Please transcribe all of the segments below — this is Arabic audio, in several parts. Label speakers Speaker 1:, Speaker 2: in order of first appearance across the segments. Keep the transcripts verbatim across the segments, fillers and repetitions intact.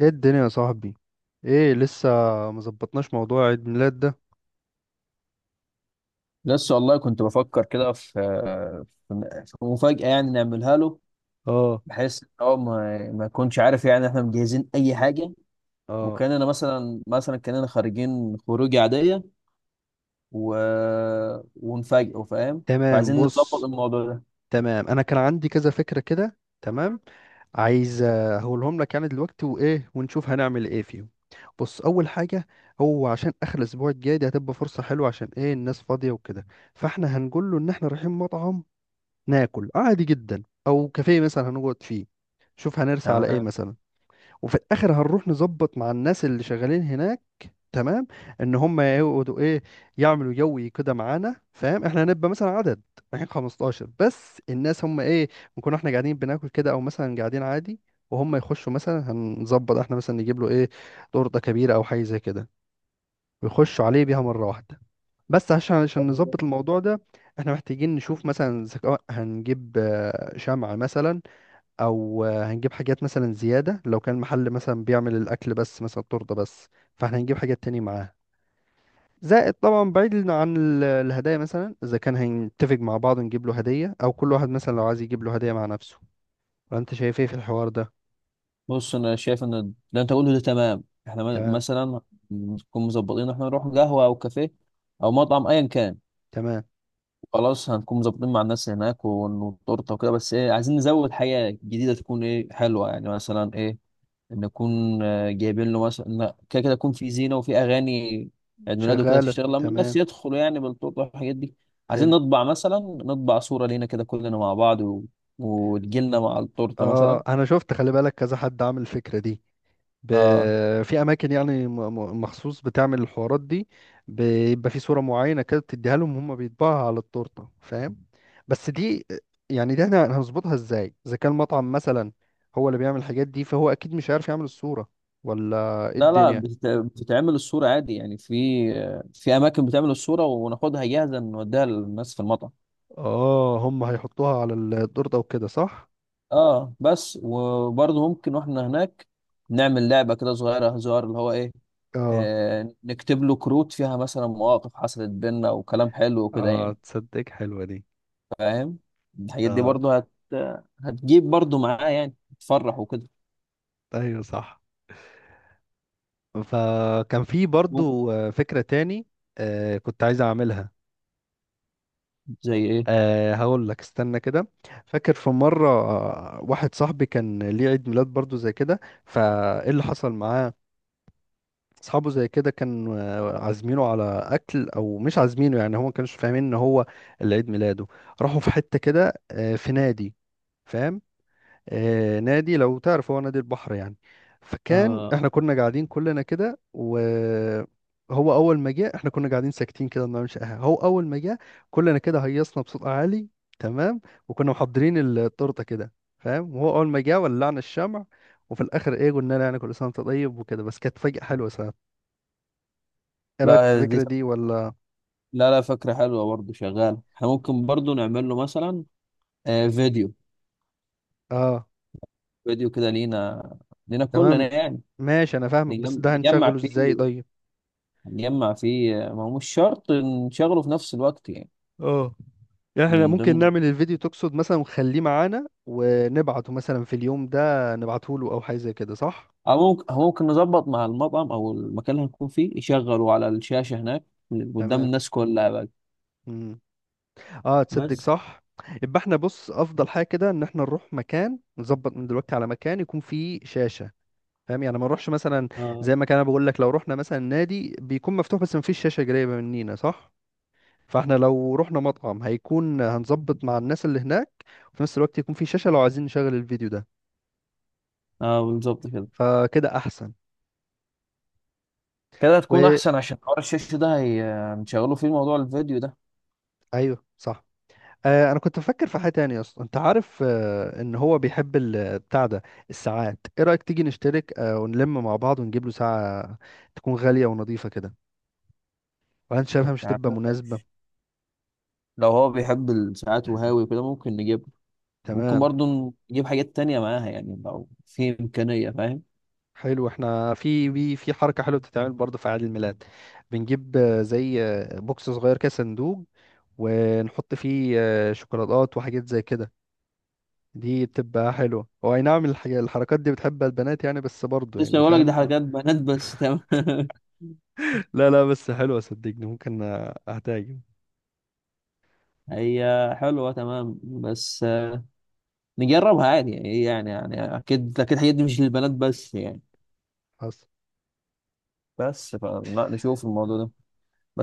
Speaker 1: ايه الدنيا يا صاحبي؟ ايه لسه مظبطناش موضوع عيد ميلاد ده؟
Speaker 2: لسه والله كنت بفكر كده في في في مفاجأة يعني نعملها له،
Speaker 1: اه.
Speaker 2: بحيث ان هو ما ما يكونش عارف يعني احنا مجهزين اي حاجة،
Speaker 1: اه،
Speaker 2: وكاننا مثلا مثلا كاننا خارجين خروج عادية و... ونفاجئه، فاهم؟
Speaker 1: تمام،
Speaker 2: فعايزين نظبط
Speaker 1: بص.
Speaker 2: الموضوع ده.
Speaker 1: تمام، انا كان عندي كذا فكرة كده. تمام، عايز آه، هقولهم لك يعني دلوقتي، وايه ونشوف هنعمل ايه فيهم. بص، اول حاجة، هو عشان اخر الاسبوع الجاي دي هتبقى فرصة حلوة، عشان ايه، الناس فاضية وكده. فاحنا هنقول له ان احنا رايحين مطعم ناكل عادي جدا، او كافيه مثلا هنقعد فيه. شوف هنرسى على ايه
Speaker 2: تمام،
Speaker 1: مثلا. وفي الاخر هنروح نظبط مع الناس اللي شغالين هناك، تمام، ان هم يقعدوا ايه، يعملوا يوي كده معانا، فاهم؟ احنا هنبقى مثلا عدد رايحين خمستاشر، بس الناس هم ايه، نكون احنا قاعدين بناكل كده، او مثلا قاعدين عادي، وهم يخشوا. مثلا هنظبط احنا مثلا نجيب له ايه، تورته كبيره او حاجه زي كده، ويخشوا عليه بيها مره واحده. بس عشان عشان
Speaker 2: حلو ده.
Speaker 1: نظبط الموضوع ده، احنا محتاجين نشوف مثلا ذكاء، هنجيب آه، شمع مثلا، او آه، هنجيب حاجات مثلا زياده لو كان محل مثلا بيعمل الاكل بس مثلا تورته بس، فاحنا هنجيب حاجات تانية معاه، زائد طبعا بعيد عن ال- الهدايا مثلا، اذا كان هنتفق مع بعض نجيب له هدية، او كل واحد مثلا لو عايز يجيب له هدية مع نفسه. فانت شايف ايه في الحوار ده؟
Speaker 2: بص، انا شايف ان اللي انت قوله ده تمام. احنا م-
Speaker 1: تمام.
Speaker 2: مثلا نكون مظبطين إن احنا نروح قهوة او كافيه او مطعم ايا كان.
Speaker 1: تمام،
Speaker 2: خلاص، هنكون مظبطين مع الناس هناك والتورته وكده، بس ايه، عايزين نزود حاجه جديده تكون ايه، حلوه يعني. مثلا ايه، نكون آه، جايبين له مثلا، لا، كده كده يكون في زينه وفي اغاني عيد ميلاده كده،
Speaker 1: شغالة.
Speaker 2: تشتغل لما الناس
Speaker 1: تمام،
Speaker 2: يدخلوا يعني بالتورته والحاجات دي. عايزين
Speaker 1: حلو.
Speaker 2: نطبع، مثلا نطبع صوره لينا كده كلنا مع بعض، و... وتجيلنا مع التورته مثلا.
Speaker 1: اه، انا شفت، خلي بالك كذا حد عامل الفكرة دي ب...
Speaker 2: اه،
Speaker 1: في اماكن يعني م- م- مخصوص بتعمل الحوارات دي، بيبقى في صورة معينة كده بتديها لهم، هم بيطبعها على التورتة، فاهم؟ بس دي، يعني دي احنا هنظبطها ازاي اذا كان مطعم مثلا هو اللي بيعمل الحاجات دي، فهو اكيد مش عارف يعمل الصورة ولا ايه
Speaker 2: لا لا،
Speaker 1: الدنيا؟
Speaker 2: بتت... بتتعمل الصوره عادي يعني، في آه، في اماكن بتعمل الصوره وناخدها جاهزه، نوديها للناس في المطعم.
Speaker 1: اه، هم هيحطوها على التورتة وكده، صح؟
Speaker 2: اه، بس وبرضه ممكن واحنا هناك نعمل لعبة كده صغيرة، هزار اللي هو ايه.
Speaker 1: اه.
Speaker 2: آه نكتب له كروت فيها مثلا مواقف حصلت بينا وكلام حلو وكده
Speaker 1: اه،
Speaker 2: يعني،
Speaker 1: تصدق، حلوة دي.
Speaker 2: فاهم؟ الحاجات دي
Speaker 1: اه.
Speaker 2: برضه هت هتجيب برضه معاه يعني، تفرح وكده.
Speaker 1: ايوه صح. فكان في
Speaker 2: ممكن.
Speaker 1: برضو آه، فكرة تاني آه، كنت عايز اعملها.
Speaker 2: زي ايه؟
Speaker 1: أه، هقول لك، استنى كده. فاكر في مرة آه، واحد صاحبي كان ليه عيد ميلاد برضو زي كده، فايه اللي حصل معاه، اصحابه زي كده كانوا آه، عازمينه على اكل او مش عازمينه، يعني هو ما كانش فاهمين ان هو اللي عيد ميلاده. راحوا في حتة كده آه، في نادي، فاهم؟ آه، نادي، لو تعرف هو نادي البحر يعني. فكان
Speaker 2: آه
Speaker 1: احنا كنا قاعدين كلنا كده، وهو اول ما جه احنا كنا قاعدين ساكتين كده ما بنعملش اي حاجه، هو اول ما جه كلنا كده هيصنا بصوت عالي، تمام. وكنا محضرين التورته كده، فاهم؟ وهو اول ما جه ولعنا الشمع، وفي الاخر ايه قلنا له يعني كل سنه وانت طيب وكده، بس كانت فجأة حلوه ساعات. ايه رايك في
Speaker 2: لا، دي،
Speaker 1: الفكره دي ولا؟
Speaker 2: لا لا، فكرة حلوة برضه، شغالة. احنا ممكن برضه نعمل له مثلا آه فيديو
Speaker 1: اه،
Speaker 2: فيديو كده لينا لينا
Speaker 1: تمام،
Speaker 2: كلنا يعني.
Speaker 1: ماشي، انا فاهمك، بس
Speaker 2: نجم-
Speaker 1: ده
Speaker 2: نجمع
Speaker 1: هنشغله ازاي
Speaker 2: فيه،
Speaker 1: طيب؟
Speaker 2: نجمع فيه، ما هو مش شرط نشغله في نفس الوقت يعني.
Speaker 1: اه، يعني احنا
Speaker 2: من
Speaker 1: ممكن
Speaker 2: ضمن.
Speaker 1: نعمل الفيديو تقصد مثلا ونخليه معانا ونبعته مثلا في اليوم ده، نبعته له او حاجه زي كده، صح؟
Speaker 2: أو ممكن أو ممكن نظبط مع المطعم أو المكان اللي هنكون فيه، يشغلوا على الشاشة هناك قدام
Speaker 1: تمام.
Speaker 2: الناس كلها بقى.
Speaker 1: مم. اه، تصدق،
Speaker 2: بس
Speaker 1: صح. يبقى احنا، بص، افضل حاجه كده ان احنا نروح مكان، نظبط من دلوقتي على مكان يكون فيه شاشه، فاهم؟ يعني ما نروحش مثلا
Speaker 2: اه،
Speaker 1: زي ما كان انا بقول لك، لو رحنا مثلا نادي بيكون مفتوح بس ما فيش شاشه قريبه مننا، صح. فاحنا لو رحنا مطعم هيكون هنظبط مع الناس اللي هناك، وفي نفس الوقت يكون في شاشه لو عايزين نشغل الفيديو ده.
Speaker 2: اه بالظبط كده.
Speaker 1: فكده احسن.
Speaker 2: كده تكون أحسن، عشان حوار الشاشة ده هي- هنشغله فيه موضوع الفيديو ده.
Speaker 1: ايوه صح. آه انا كنت بفكر في حاجه تانية يا اسطى، انت عارف آه ان هو بيحب ال- بتاع ده، الساعات. ايه رايك تيجي نشترك آه ونلم مع بعض ونجيب له ساعه تكون غاليه ونظيفه كده، وانا شايفها مش
Speaker 2: يعني
Speaker 1: هتبقى مناسبه.
Speaker 2: لو هو بيحب الساعات وهاوي وكده، ممكن نجيب، ممكن
Speaker 1: تمام،
Speaker 2: برضه نجيب حاجات تانية معاها يعني لو في إمكانية، فاهم؟
Speaker 1: حلو. احنا في في في حركه حلوه بتتعمل برضه في عيد الميلاد، بنجيب آه، زي آه، بوكس صغير كده، صندوق، ونحط فيه آه، شوكولاتات وحاجات زي كده. دي بتبقى حلوة، هو اي نعم الحاجة- الحركات دي بتحبها البنات يعني، بس برضه
Speaker 2: لسه
Speaker 1: يعني،
Speaker 2: بقول لك ده
Speaker 1: فاهم؟
Speaker 2: حاجات بنات، بس تمام.
Speaker 1: لا لا، بس حلوة صدقني، ممكن اهتاجم.
Speaker 2: هي حلوة تمام، بس آه، نجربها عادي يعني. إيه يعني يعني أكيد أكيد الحاجات دي مش للبنات بس يعني.
Speaker 1: حصل.
Speaker 2: بس فلا نشوف الموضوع ده،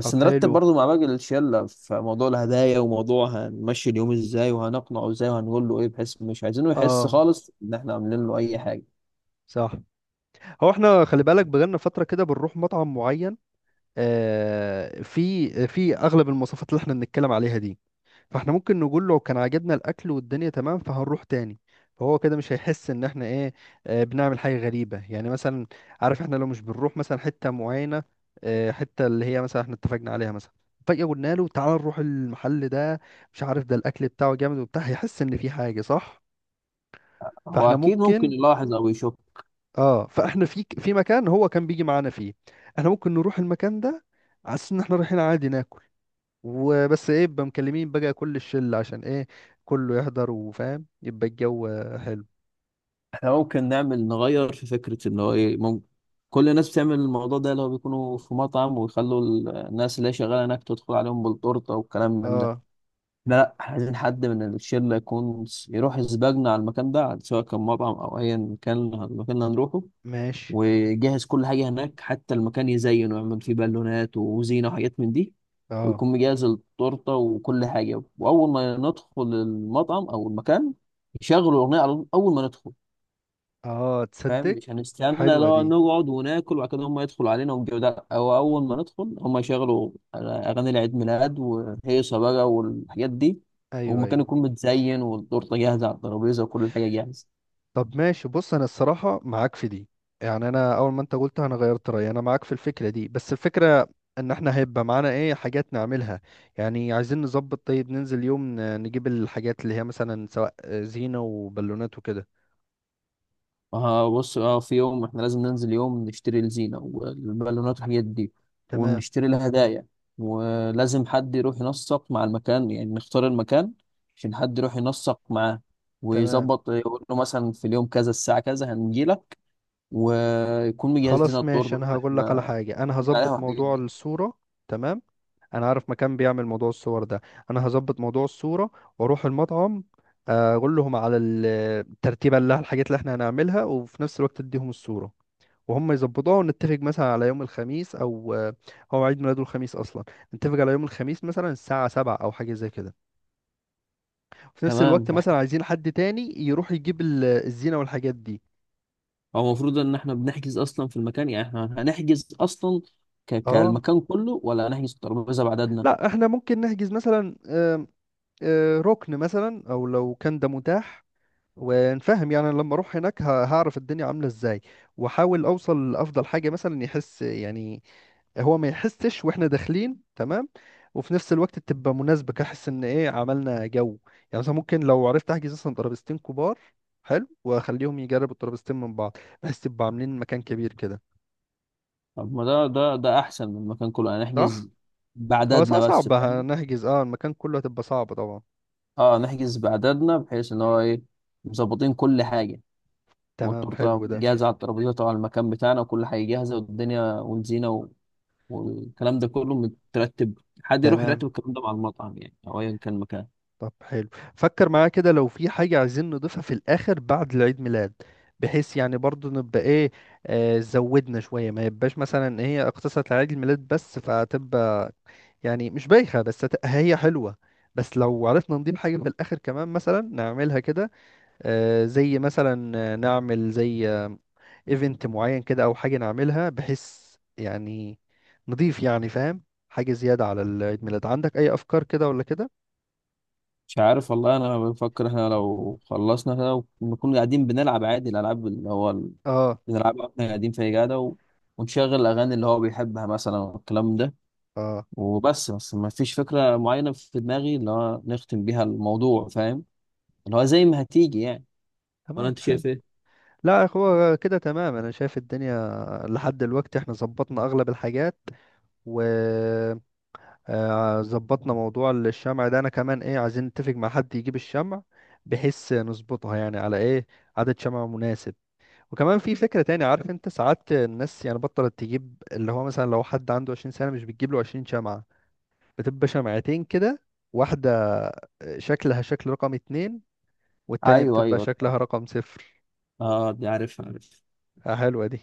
Speaker 1: طب،
Speaker 2: نرتب
Speaker 1: حلو.
Speaker 2: برضو مع باقي الشلة في موضوع الهدايا، وموضوع هنمشي اليوم ازاي، وهنقنعه ازاي، وهنقول له ايه، بحيث مش عايزينه يحس
Speaker 1: اه،
Speaker 2: خالص ان احنا عاملين له اي حاجة.
Speaker 1: صح. هو احنا خلي بالك بقالنا فترة كده بنروح مطعم معين، آه في في اغلب المواصفات اللي احنا بنتكلم عليها دي، فاحنا ممكن نقول له كان عجبنا الاكل والدنيا تمام فهنروح تاني، فهو كده مش هيحس ان احنا ايه، آه، بنعمل حاجه غريبه يعني مثلا. عارف، احنا لو مش بنروح مثلا حته معينه، آه، حته اللي هي مثلا احنا اتفقنا عليها مثلا، فجاه قلنا له تعال نروح المحل ده، مش عارف ده الاكل بتاعه جامد وبتاع، هيحس ان في حاجه، صح.
Speaker 2: هو
Speaker 1: فاحنا
Speaker 2: اكيد ممكن
Speaker 1: ممكن،
Speaker 2: يلاحظ او يشوف.
Speaker 1: اه، فاحنا في في مكان هو كان بيجي معانا فيه، احنا ممكن نروح المكان ده على أساس ان احنا رايحين عادي ناكل، وبس ايه يبقى مكلمين بقى كل الشلة، عشان ايه كله يحضر وفاهم يبقى الجو حلو.
Speaker 2: احنا ممكن نعمل نغير في فكرة ان هو ايه. ممكن كل الناس بتعمل الموضوع ده لو بيكونوا في مطعم، ويخلوا الناس اللي هي شغالة هناك تدخل عليهم بالتورتة والكلام من ده.
Speaker 1: اه،
Speaker 2: لا لا، احنا عايزين حد من الشلة يكون س- يروح يسبقنا على المكان ده، سواء كان مطعم أو أيا كان المكان اللي هنروحه،
Speaker 1: ماشي.
Speaker 2: ويجهز كل حاجة هناك، حتى المكان يزين ويعمل فيه بالونات وزينة وحاجات من دي،
Speaker 1: اه.
Speaker 2: ويكون مجهز التورتة وكل حاجة. وأول ما ندخل المطعم أو المكان يشغلوا الأغنية على طول أول ما ندخل،
Speaker 1: اه،
Speaker 2: فاهم؟
Speaker 1: تصدق،
Speaker 2: مش هنستنى
Speaker 1: حلوة
Speaker 2: لو
Speaker 1: دي.
Speaker 2: نقعد وناكل وبعد كده هم يدخلوا علينا ونجيب ده، او اول ما ندخل هم يشغلوا اغاني العيد ميلاد وهيصه بقى والحاجات دي،
Speaker 1: ايوه
Speaker 2: والمكان
Speaker 1: ايوه.
Speaker 2: يكون متزين والتورته جاهزه على الترابيزه وكل حاجه جاهزه.
Speaker 1: طب، ماشي، بص، انا الصراحة معاك في دي، يعني انا اول ما انت قلت انا غيرت رأيي، انا معاك في الفكرة دي، بس الفكرة ان احنا هيبقى معانا ايه حاجات نعملها. يعني عايزين نظبط، طيب ننزل يوم ن- نجيب الحاجات اللي هي مثلا، سواء زينة وبالونات وكده.
Speaker 2: اه بص، اه، في يوم احنا لازم ننزل يوم نشتري الزينه والبالونات والحاجات دي،
Speaker 1: تمام.
Speaker 2: ونشتري الهدايا، ولازم حد يروح ينسق مع المكان. يعني نختار المكان عشان حد يروح ينسق معاه،
Speaker 1: تمام.
Speaker 2: ويظبط يقول له مثلا في اليوم كذا الساعة كذا هنجيلك، ويكون مجهز لنا
Speaker 1: خلاص،
Speaker 2: الطرد
Speaker 1: ماشي،
Speaker 2: اللي
Speaker 1: انا هقول لك على
Speaker 2: احنا
Speaker 1: حاجه، انا
Speaker 2: بنقول عليها
Speaker 1: هظبط
Speaker 2: والحاجات
Speaker 1: موضوع
Speaker 2: دي.
Speaker 1: الصوره. تمام. انا عارف مكان بيعمل موضوع الصور ده، انا هظبط موضوع الصوره، واروح المطعم، آه، اقول لهم على ال- الترتيبه اللي الحاجات اللي احنا هنعملها، وفي نفس الوقت اديهم الصوره، وهم يظبطوها. ونتفق مثلا على يوم الخميس او آه، هو عيد ميلاده الخميس اصلا، نتفق على يوم الخميس مثلا الساعه سبعة او حاجه زي كده، وفي نفس الوقت
Speaker 2: تمام.
Speaker 1: مثلا
Speaker 2: احنا
Speaker 1: عايزين حد تاني يروح يجيب ال- الزينه والحاجات دي.
Speaker 2: هو المفروض ان احنا بنحجز اصلا في المكان، يعني احنا هنحجز اصلا ك...
Speaker 1: اه.
Speaker 2: كالمكان كله، ولا هنحجز الترابيزه بعددنا؟
Speaker 1: لا، احنا ممكن نحجز مثلا آه، ركن مثلا، او لو كان ده متاح، ونفهم يعني لما اروح هناك ه- هعرف الدنيا عامله ازاي، واحاول اوصل لافضل حاجه مثلا، يحس يعني، هو ما يحسش واحنا داخلين، تمام. وفي نفس الوقت تبقى مناسبه كحس ان ايه، عملنا جو. يعني مثلا ممكن لو عرفت احجز مثلا ترابيزتين كبار، حلو، واخليهم يجربوا الترابيزتين من بعض، بحيث تبقى عاملين مكان كبير كده،
Speaker 2: طب ما ده ده ده احسن من المكان كله. هنحجز
Speaker 1: صح. هو صعب
Speaker 2: بعددنا بس،
Speaker 1: صعب
Speaker 2: فاهم؟
Speaker 1: هنحجز، اه المكان كله هتبقى صعبه طبعا.
Speaker 2: اه، نحجز بعددنا بحيث ان هو ايه، مظبطين كل حاجه،
Speaker 1: تمام،
Speaker 2: والتورته
Speaker 1: حلو ده.
Speaker 2: جاهزه على الترابيزه طبعا، المكان بتاعنا وكل حاجه جاهزه، والدنيا والزينه و... والكلام ده كله مترتب. حد يروح يرتب
Speaker 1: تمام،
Speaker 2: الكلام ده مع المطعم يعني، او ايا كان مكان.
Speaker 1: طب حلو، فكر معايا كده لو في حاجة عايزين نضيفها في الآخر بعد العيد ميلاد، بحيث يعني برضو نبقى ايه، آه زودنا شوية، ما يبقاش مثلا إن هي اقتصرت على عيد الميلاد بس، فتبقى يعني مش بايخة، بس هت- هي حلوة، بس لو عرفنا نضيف حاجة في الآخر كمان مثلا نعملها كده، آه زي مثلا آه، نعمل زي آه ايفنت معين كده، أو حاجة نعملها بحيث يعني نضيف يعني، فاهم؟ حاجة زيادة على العيد ميلاد. عندك أي أفكار كده ولا كده؟
Speaker 2: مش عارف والله، انا بفكر احنا لو خلصنا كده ونكون قاعدين بنلعب عادي الالعاب اللي هو ال-
Speaker 1: اه.
Speaker 2: بنلعبها واحنا قاعدين في قاعده، و... ونشغل الاغاني اللي هو بيحبها مثلا والكلام ده.
Speaker 1: اه،
Speaker 2: وبس بس ما فيش فكره معينه في دماغي اللي هو نختم بيها الموضوع، فاهم؟ اللي هو زي ما هتيجي يعني. ولا
Speaker 1: تمام،
Speaker 2: انت
Speaker 1: حلو.
Speaker 2: شايف ايه؟
Speaker 1: لا، هو كده تمام، انا شايف الدنيا لحد دلوقتي احنا ظبطنا اغلب الحاجات، وظبطنا موضوع الشمع ده. انا كمان ايه عايزين نتفق مع حد يجيب الشمع، بحيث نظبطها يعني على ايه عدد شمع مناسب. وكمان في فكرة تاني، عارف انت ساعات الناس يعني بطلت تجيب اللي هو مثلا لو حد عنده عشرين سنة مش بتجيب له عشرين شمعة، بتبقى شمعتين كده، واحدة شكلها شكل رقم اتنين، والتانية
Speaker 2: ايوه
Speaker 1: بتبقى
Speaker 2: ايوه،
Speaker 1: شكلها رقم صفر.
Speaker 2: اه دي عارف عارف.
Speaker 1: آه، حلوة دي.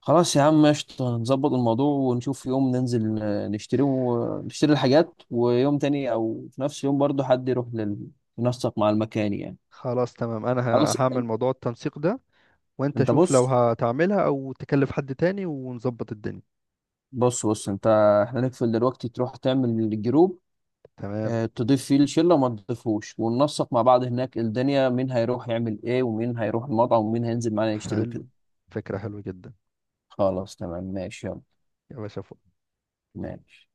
Speaker 2: خلاص يا عم، قشطة، نظبط الموضوع ونشوف يوم ننزل آه، نشتري، ونشتري الحاجات، ويوم تاني او في نفس اليوم برضه حد يروح لل... ينسق مع المكان يعني.
Speaker 1: خلاص، تمام، انا ه-
Speaker 2: خلاص.
Speaker 1: هعمل
Speaker 2: أن-
Speaker 1: موضوع التنسيق ده، وانت
Speaker 2: انت
Speaker 1: شوف لو
Speaker 2: بص
Speaker 1: هتعملها او تكلف حد تاني ونظبط الدنيا.
Speaker 2: بص بص انت، احنا نقفل دلوقتي، تروح تعمل الجروب،
Speaker 1: تمام،
Speaker 2: اه، تضيف فيه الشله وما تضيفوش، وننسق مع بعض هناك الدنيا، مين هيروح يعمل ايه، ومين هيروح المطعم، ومين هينزل معانا يشتري
Speaker 1: حلو،
Speaker 2: وكده.
Speaker 1: فكرة حلوة جدا
Speaker 2: خلاص تمام، ماشي، يلا.
Speaker 1: يا باشا.
Speaker 2: ماشي.